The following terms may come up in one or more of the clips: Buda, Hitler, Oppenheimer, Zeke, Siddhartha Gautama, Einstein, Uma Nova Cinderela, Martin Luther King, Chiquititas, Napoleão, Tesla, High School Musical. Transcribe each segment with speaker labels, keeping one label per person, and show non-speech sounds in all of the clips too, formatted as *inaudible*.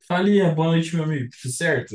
Speaker 1: Falia, boa noite, meu amigo. Tudo certo?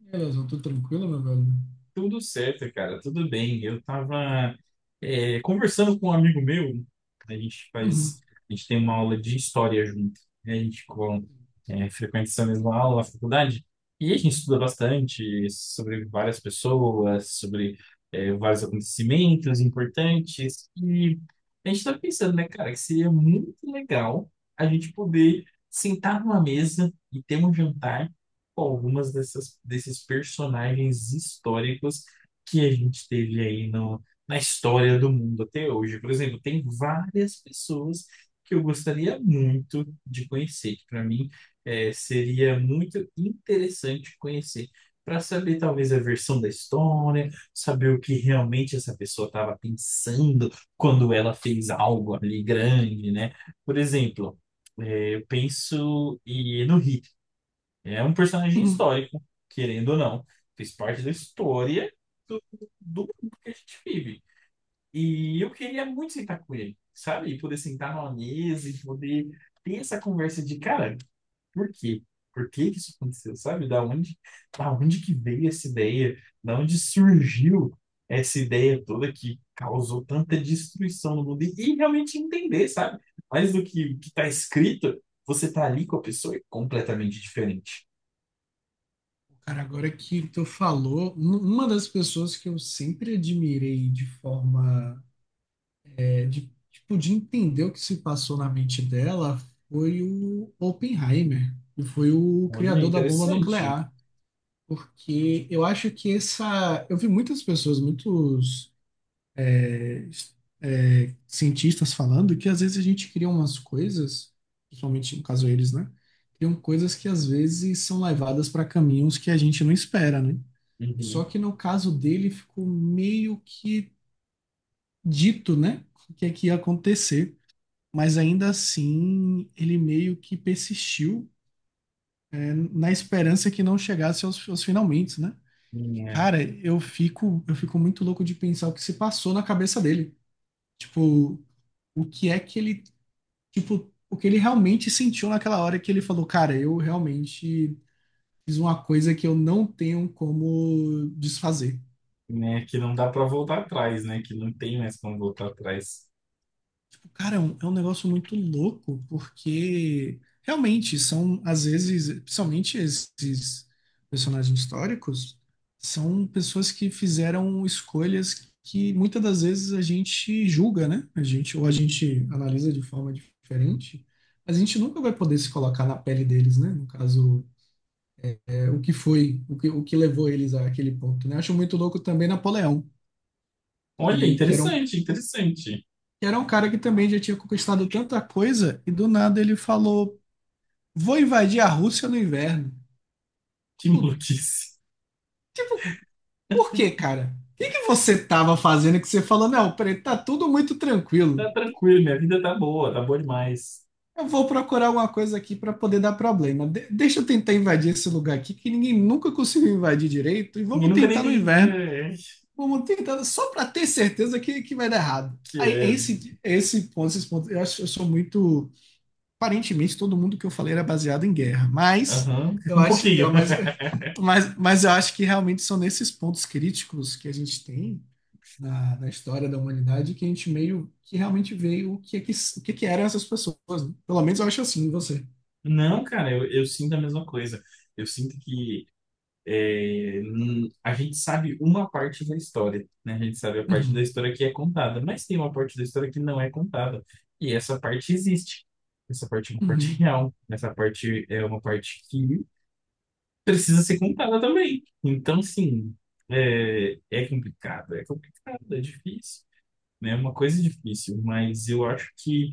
Speaker 2: Beleza, eu tô tranquilo, meu velho?
Speaker 1: Tudo certo, cara. Tudo bem. Eu tava conversando com um amigo meu. A gente faz,
Speaker 2: Uhum.
Speaker 1: a gente tem uma aula de história junto, né? A gente com, é, frequenta essa mesma aula na faculdade. E a gente estuda bastante sobre várias pessoas, sobre vários acontecimentos importantes. E a gente tá pensando, né, cara, que seria muito legal a gente poder sentar numa mesa e ter um jantar com desses personagens históricos que a gente teve aí no, na história do mundo até hoje. Por exemplo, tem várias pessoas que eu gostaria muito de conhecer, que para mim seria muito interessante conhecer, para saber talvez a versão da história, saber o que realmente essa pessoa estava pensando quando ela fez algo ali grande, né? Por exemplo, eu penso no Hitler. É um personagem
Speaker 2: Uhum.
Speaker 1: histórico, querendo ou não. Fez parte da história do, do mundo que a gente vive. E eu queria muito sentar com ele, sabe? E poder sentar numa mesa e poder ter essa conversa de, cara, por quê? Por que que isso aconteceu, sabe? Da onde que veio essa ideia? Da onde surgiu essa ideia toda que causou tanta destruição no mundo? E realmente entender, sabe? Mais do que o que está escrito, você tá ali com a pessoa é completamente diferente.
Speaker 2: Cara, agora que tu falou, uma das pessoas que eu sempre admirei de forma, de, tipo, de entender o que se passou na mente dela foi o Oppenheimer, que foi o
Speaker 1: Olha,
Speaker 2: criador da bomba
Speaker 1: interessante.
Speaker 2: nuclear. Porque eu acho que essa. Eu vi muitas pessoas, muitos é, cientistas falando que às vezes a gente cria umas coisas, principalmente no caso eles, né? Criam coisas que às vezes são levadas para caminhos que a gente não espera, né? Só
Speaker 1: Uhum.
Speaker 2: que no caso dele ficou meio que dito, né? O que é que ia acontecer. Mas ainda assim, ele meio que persistiu na esperança que não chegasse aos finalmente, né?
Speaker 1: Né,
Speaker 2: Cara, eu fico muito louco de pensar o que se passou na cabeça dele. Tipo, o que é que ele tipo, o que ele realmente sentiu naquela hora que ele falou, cara, eu realmente fiz uma coisa que eu não tenho como desfazer.
Speaker 1: né, que não dá para voltar atrás, né? Que não tem mais como voltar atrás.
Speaker 2: Tipo, cara, é um negócio muito louco, porque realmente são, às vezes, principalmente esses personagens históricos, são pessoas que fizeram escolhas que muitas das vezes a gente julga, né? A gente, ou a gente analisa de forma diferente, mas a gente nunca vai poder se colocar na pele deles, né? No caso, o que foi, o que levou eles àquele ponto, né? Acho muito louco também Napoleão,
Speaker 1: Olha,
Speaker 2: que
Speaker 1: interessante, interessante.
Speaker 2: era um cara que também já tinha conquistado tanta coisa e do nada ele falou: "Vou invadir a Rússia no inverno".
Speaker 1: Que
Speaker 2: Tipo,
Speaker 1: maluquice.
Speaker 2: tipo, por quê, cara? O que que você tava fazendo que você falou: "Não, peraí, tá tudo muito tranquilo.
Speaker 1: Tá tranquilo, minha vida tá boa demais.
Speaker 2: Eu vou procurar alguma coisa aqui para poder dar problema. Deixa eu tentar invadir esse lugar aqui que ninguém nunca conseguiu invadir direito e
Speaker 1: Ninguém
Speaker 2: vamos
Speaker 1: nunca nem
Speaker 2: tentar no
Speaker 1: tem.
Speaker 2: inverno".
Speaker 1: É, é,
Speaker 2: Vamos tentar só para ter certeza que vai dar errado.
Speaker 1: que
Speaker 2: Aí,
Speaker 1: é.
Speaker 2: é esse ponto, eu acho que eu sou muito. Aparentemente, todo mundo que eu falei era baseado em guerra, mas
Speaker 1: Aham, *laughs*
Speaker 2: eu
Speaker 1: um
Speaker 2: acho,
Speaker 1: pouquinho.
Speaker 2: eu, mas eu acho que realmente são nesses pontos críticos que a gente tem na, na história da humanidade que a gente meio que realmente vê o que, é que, o que, é que eram essas pessoas, né? Pelo menos eu acho assim, você.
Speaker 1: Não, cara, eu sinto a mesma coisa. Eu sinto que. A gente sabe uma parte da história, né? A gente sabe a parte da
Speaker 2: Uhum,
Speaker 1: história que é contada, mas tem uma parte da história que não é contada. E essa parte existe. Essa parte é uma parte
Speaker 2: uhum,
Speaker 1: real. Essa parte é uma parte que precisa ser contada também. Então, sim, é, é complicado, é difícil, né? É uma coisa difícil, mas eu acho que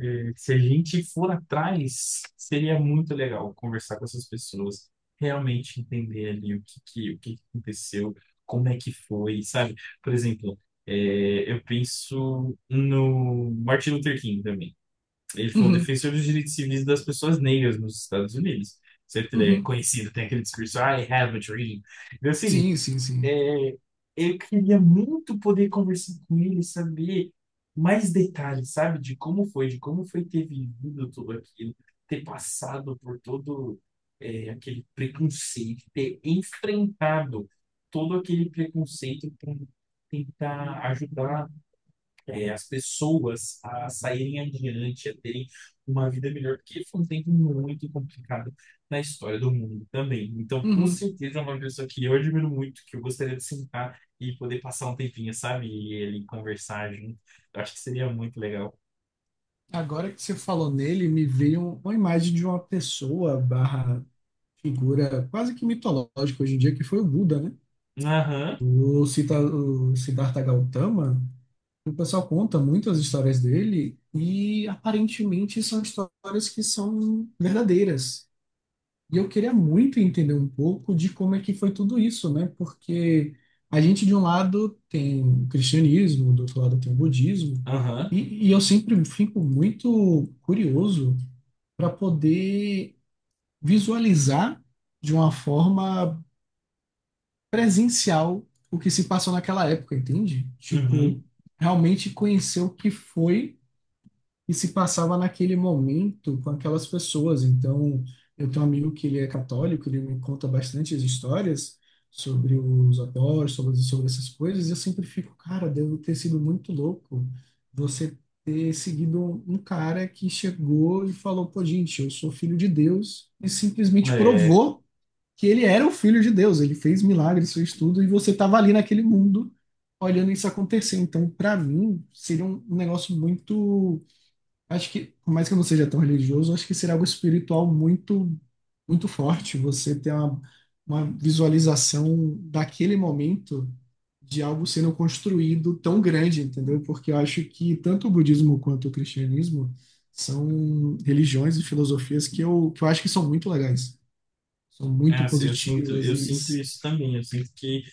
Speaker 1: é, se a gente for atrás, seria muito legal conversar com essas pessoas, realmente entender ali o que que aconteceu, como é que foi, sabe? Por exemplo, eu penso no Martin Luther King também. Ele foi um
Speaker 2: uhum,
Speaker 1: defensor dos direitos civis das pessoas negras nos Estados Unidos. Sempre ele é
Speaker 2: uhum.
Speaker 1: conhecido, tem aquele discurso, I have a dream. Então, assim,
Speaker 2: Sim, sim, sim.
Speaker 1: é, eu queria muito poder conversar com ele, saber mais detalhes, sabe, de como foi ter vivido tudo aquilo, ter passado por todo aquele preconceito, ter enfrentado todo aquele preconceito para tentar ajudar as pessoas a saírem adiante, a terem uma vida melhor, porque foi um tempo muito complicado na história do mundo também. Então, com
Speaker 2: Uhum.
Speaker 1: certeza, é uma pessoa que eu admiro muito, que eu gostaria de sentar e poder passar um tempinho, sabe? E ele conversar junto. Eu acho que seria muito legal.
Speaker 2: Agora que você falou nele, me veio uma imagem de uma pessoa barra figura quase que mitológica hoje em dia, que foi o Buda, né?
Speaker 1: Aham,
Speaker 2: O, Sita, o Siddhartha Gautama, o pessoal conta muito as histórias dele e aparentemente são histórias que são verdadeiras. E eu queria muito entender um pouco de como é que foi tudo isso, né? Porque a gente, de um lado, tem o cristianismo, do outro lado, tem o budismo,
Speaker 1: aham,
Speaker 2: e eu sempre fico muito curioso para poder visualizar de uma forma presencial o que se passou naquela época, entende? Tipo,
Speaker 1: uhum.
Speaker 2: realmente conhecer o que foi e se passava naquele momento com aquelas pessoas. Então, eu tenho um amigo que ele é católico, ele me conta bastante as histórias sobre os apóstolos, sobre, sobre essas coisas, e eu sempre fico, cara, deve ter sido muito louco você ter seguido um cara que chegou e falou, pô, gente, eu sou filho de Deus, e simplesmente
Speaker 1: É,
Speaker 2: provou que ele era o filho de Deus, ele fez milagres, fez tudo, e você estava ali naquele mundo olhando isso acontecer. Então, para mim, seria um negócio muito. Acho que, por mais que eu não seja tão religioso, acho que seria algo espiritual muito, muito forte. Você ter uma visualização daquele momento de algo sendo construído tão grande, entendeu? Porque eu acho que tanto o budismo quanto o cristianismo são religiões e filosofias que que eu acho que são muito legais, são
Speaker 1: é,
Speaker 2: muito
Speaker 1: assim,
Speaker 2: positivas
Speaker 1: eu
Speaker 2: e.
Speaker 1: sinto isso também. Eu sinto que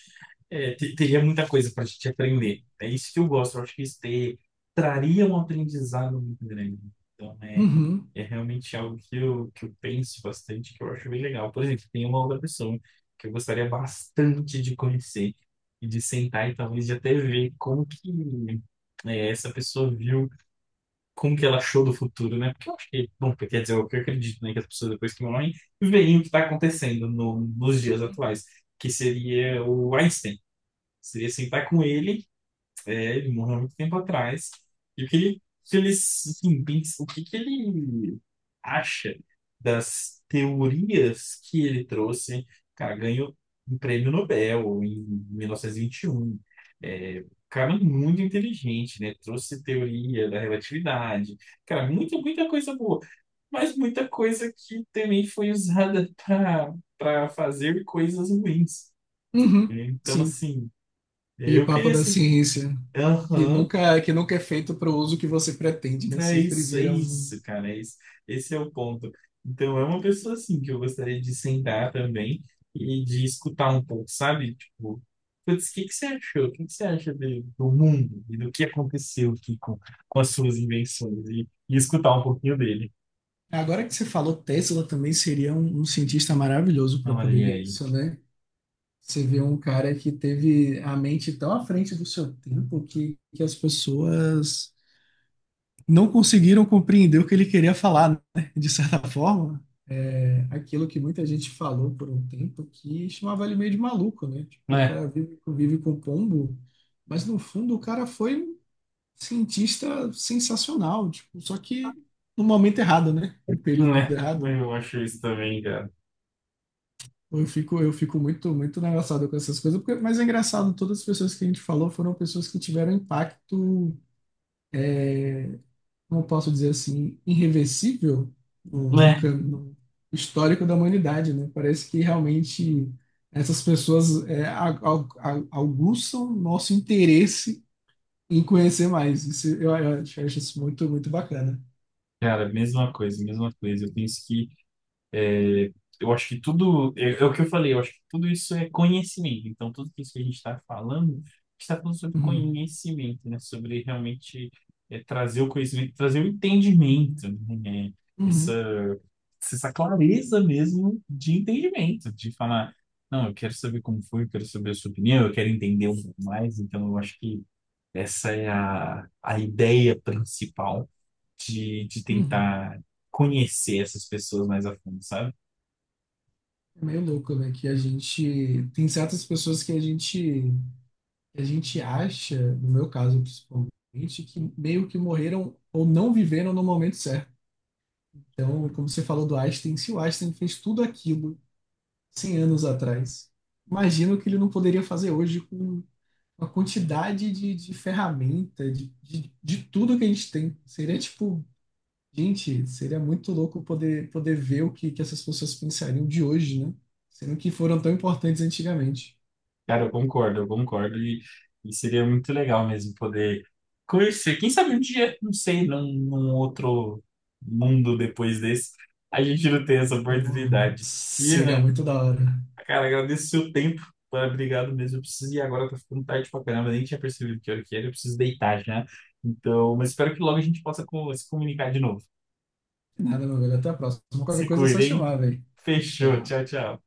Speaker 1: é, te- teria muita coisa para a gente aprender. É isso que eu gosto. Eu acho que traria um aprendizado muito grande. Então, é,
Speaker 2: Uhum,
Speaker 1: é realmente algo que que eu penso bastante, que eu acho bem legal. Por exemplo, tem uma outra pessoa que eu gostaria bastante de conhecer e de sentar e talvez de até ver como que essa pessoa viu, como que ela achou do futuro, né? Porque eu acho que, bom, quer dizer, é o que eu acredito, né, que as pessoas depois que morrem veem o que está acontecendo no, nos dias atuais, que seria o Einstein. Seria sentar com ele, é, ele morreu há muito tempo atrás, e o que ele assim, o que que ele acha das teorias que ele trouxe, cara, ganhou um prêmio Nobel em mil novecentos e vinte e um. É, cara é muito inteligente, né, trouxe teoria da relatividade, cara, muita, muita coisa boa, mas muita coisa que também foi usada para fazer coisas ruins,
Speaker 2: uhum,
Speaker 1: então
Speaker 2: sim.
Speaker 1: assim,
Speaker 2: Aquele
Speaker 1: eu
Speaker 2: papo
Speaker 1: queria
Speaker 2: da
Speaker 1: assim,
Speaker 2: ciência, que
Speaker 1: aham,
Speaker 2: nunca, que nunca é feito para o uso que você pretende, né? Sempre
Speaker 1: é
Speaker 2: vira um.
Speaker 1: isso, cara, é isso. Esse é o ponto. Então, é uma pessoa assim que eu gostaria de sentar também e de escutar um pouco, sabe? Tipo, putz, o que que você achou? O que que você acha do mundo e do que aconteceu aqui com as suas invenções? E escutar um pouquinho dele.
Speaker 2: Agora que você falou, Tesla também seria um cientista maravilhoso para poder
Speaker 1: Olha
Speaker 2: ver
Speaker 1: aí.
Speaker 2: isso, né? Você vê um cara que teve a mente tão à frente do seu tempo que as pessoas não conseguiram compreender o que ele queria falar, né? De certa forma, é aquilo que muita gente falou por um tempo que chamava ele meio de maluco, né? Tipo, o
Speaker 1: Né,
Speaker 2: cara vive, vive com pombo, mas no fundo o cara foi um cientista sensacional, tipo, só que no momento errado, né? No período
Speaker 1: né,
Speaker 2: errado.
Speaker 1: eu acho isso também, cara.
Speaker 2: Eu fico muito, muito engraçado com essas coisas, porque, mas é engraçado, todas as pessoas que a gente falou foram pessoas que tiveram impacto, como eu posso dizer assim, irreversível
Speaker 1: Né,
Speaker 2: no histórico da humanidade, né? Parece que realmente essas pessoas aguçam nosso interesse em conhecer mais. Isso, eu acho acho isso muito, muito bacana.
Speaker 1: cara, mesma coisa, mesma coisa. Eu penso que é, eu acho que tudo, é, é o que eu falei, eu acho que tudo isso é conhecimento. Então, tudo isso que a gente está falando, a gente está falando sobre
Speaker 2: Uhum.
Speaker 1: conhecimento, né? Sobre realmente trazer o conhecimento, trazer o entendimento, né? É,
Speaker 2: Uhum.
Speaker 1: Essa, essa clareza mesmo de entendimento, de falar, não, eu quero saber como foi, eu quero saber a sua opinião, eu quero entender um pouco mais. Então, eu acho que essa é a ideia principal de
Speaker 2: Uhum.
Speaker 1: tentar conhecer essas pessoas mais a fundo, sabe?
Speaker 2: É meio louco, né? Que a gente tem certas pessoas que a gente acha, no meu caso principalmente, que meio que morreram ou não viveram no momento certo. Então, como você falou do Einstein, se o Einstein fez tudo aquilo 100 anos atrás, imagino que ele não poderia fazer hoje com a quantidade de ferramenta, de tudo que a gente tem. Seria tipo, gente, seria muito louco poder, poder ver o que, que essas pessoas pensariam de hoje, né? Sendo que foram tão importantes antigamente.
Speaker 1: Cara, eu concordo, eu concordo. E seria muito legal mesmo poder conhecer. Quem sabe um dia, não sei, num outro mundo depois desse, a gente não tem essa
Speaker 2: Então,
Speaker 1: oportunidade. E,
Speaker 2: seria
Speaker 1: Ana,
Speaker 2: muito da hora.
Speaker 1: cara, agradeço o seu tempo. Cara, obrigado mesmo. Eu preciso ir agora, tá ficando tarde pra caramba. Nem tinha percebido que hora que era. Eu preciso deitar já. Então, mas espero que logo a gente possa se comunicar de novo.
Speaker 2: Nada, meu velho. Até a próxima. Qualquer
Speaker 1: Se
Speaker 2: coisa é só
Speaker 1: cuidem.
Speaker 2: chamar, velho. Tchau,
Speaker 1: Fechou. Tchau,
Speaker 2: tchau.
Speaker 1: tchau.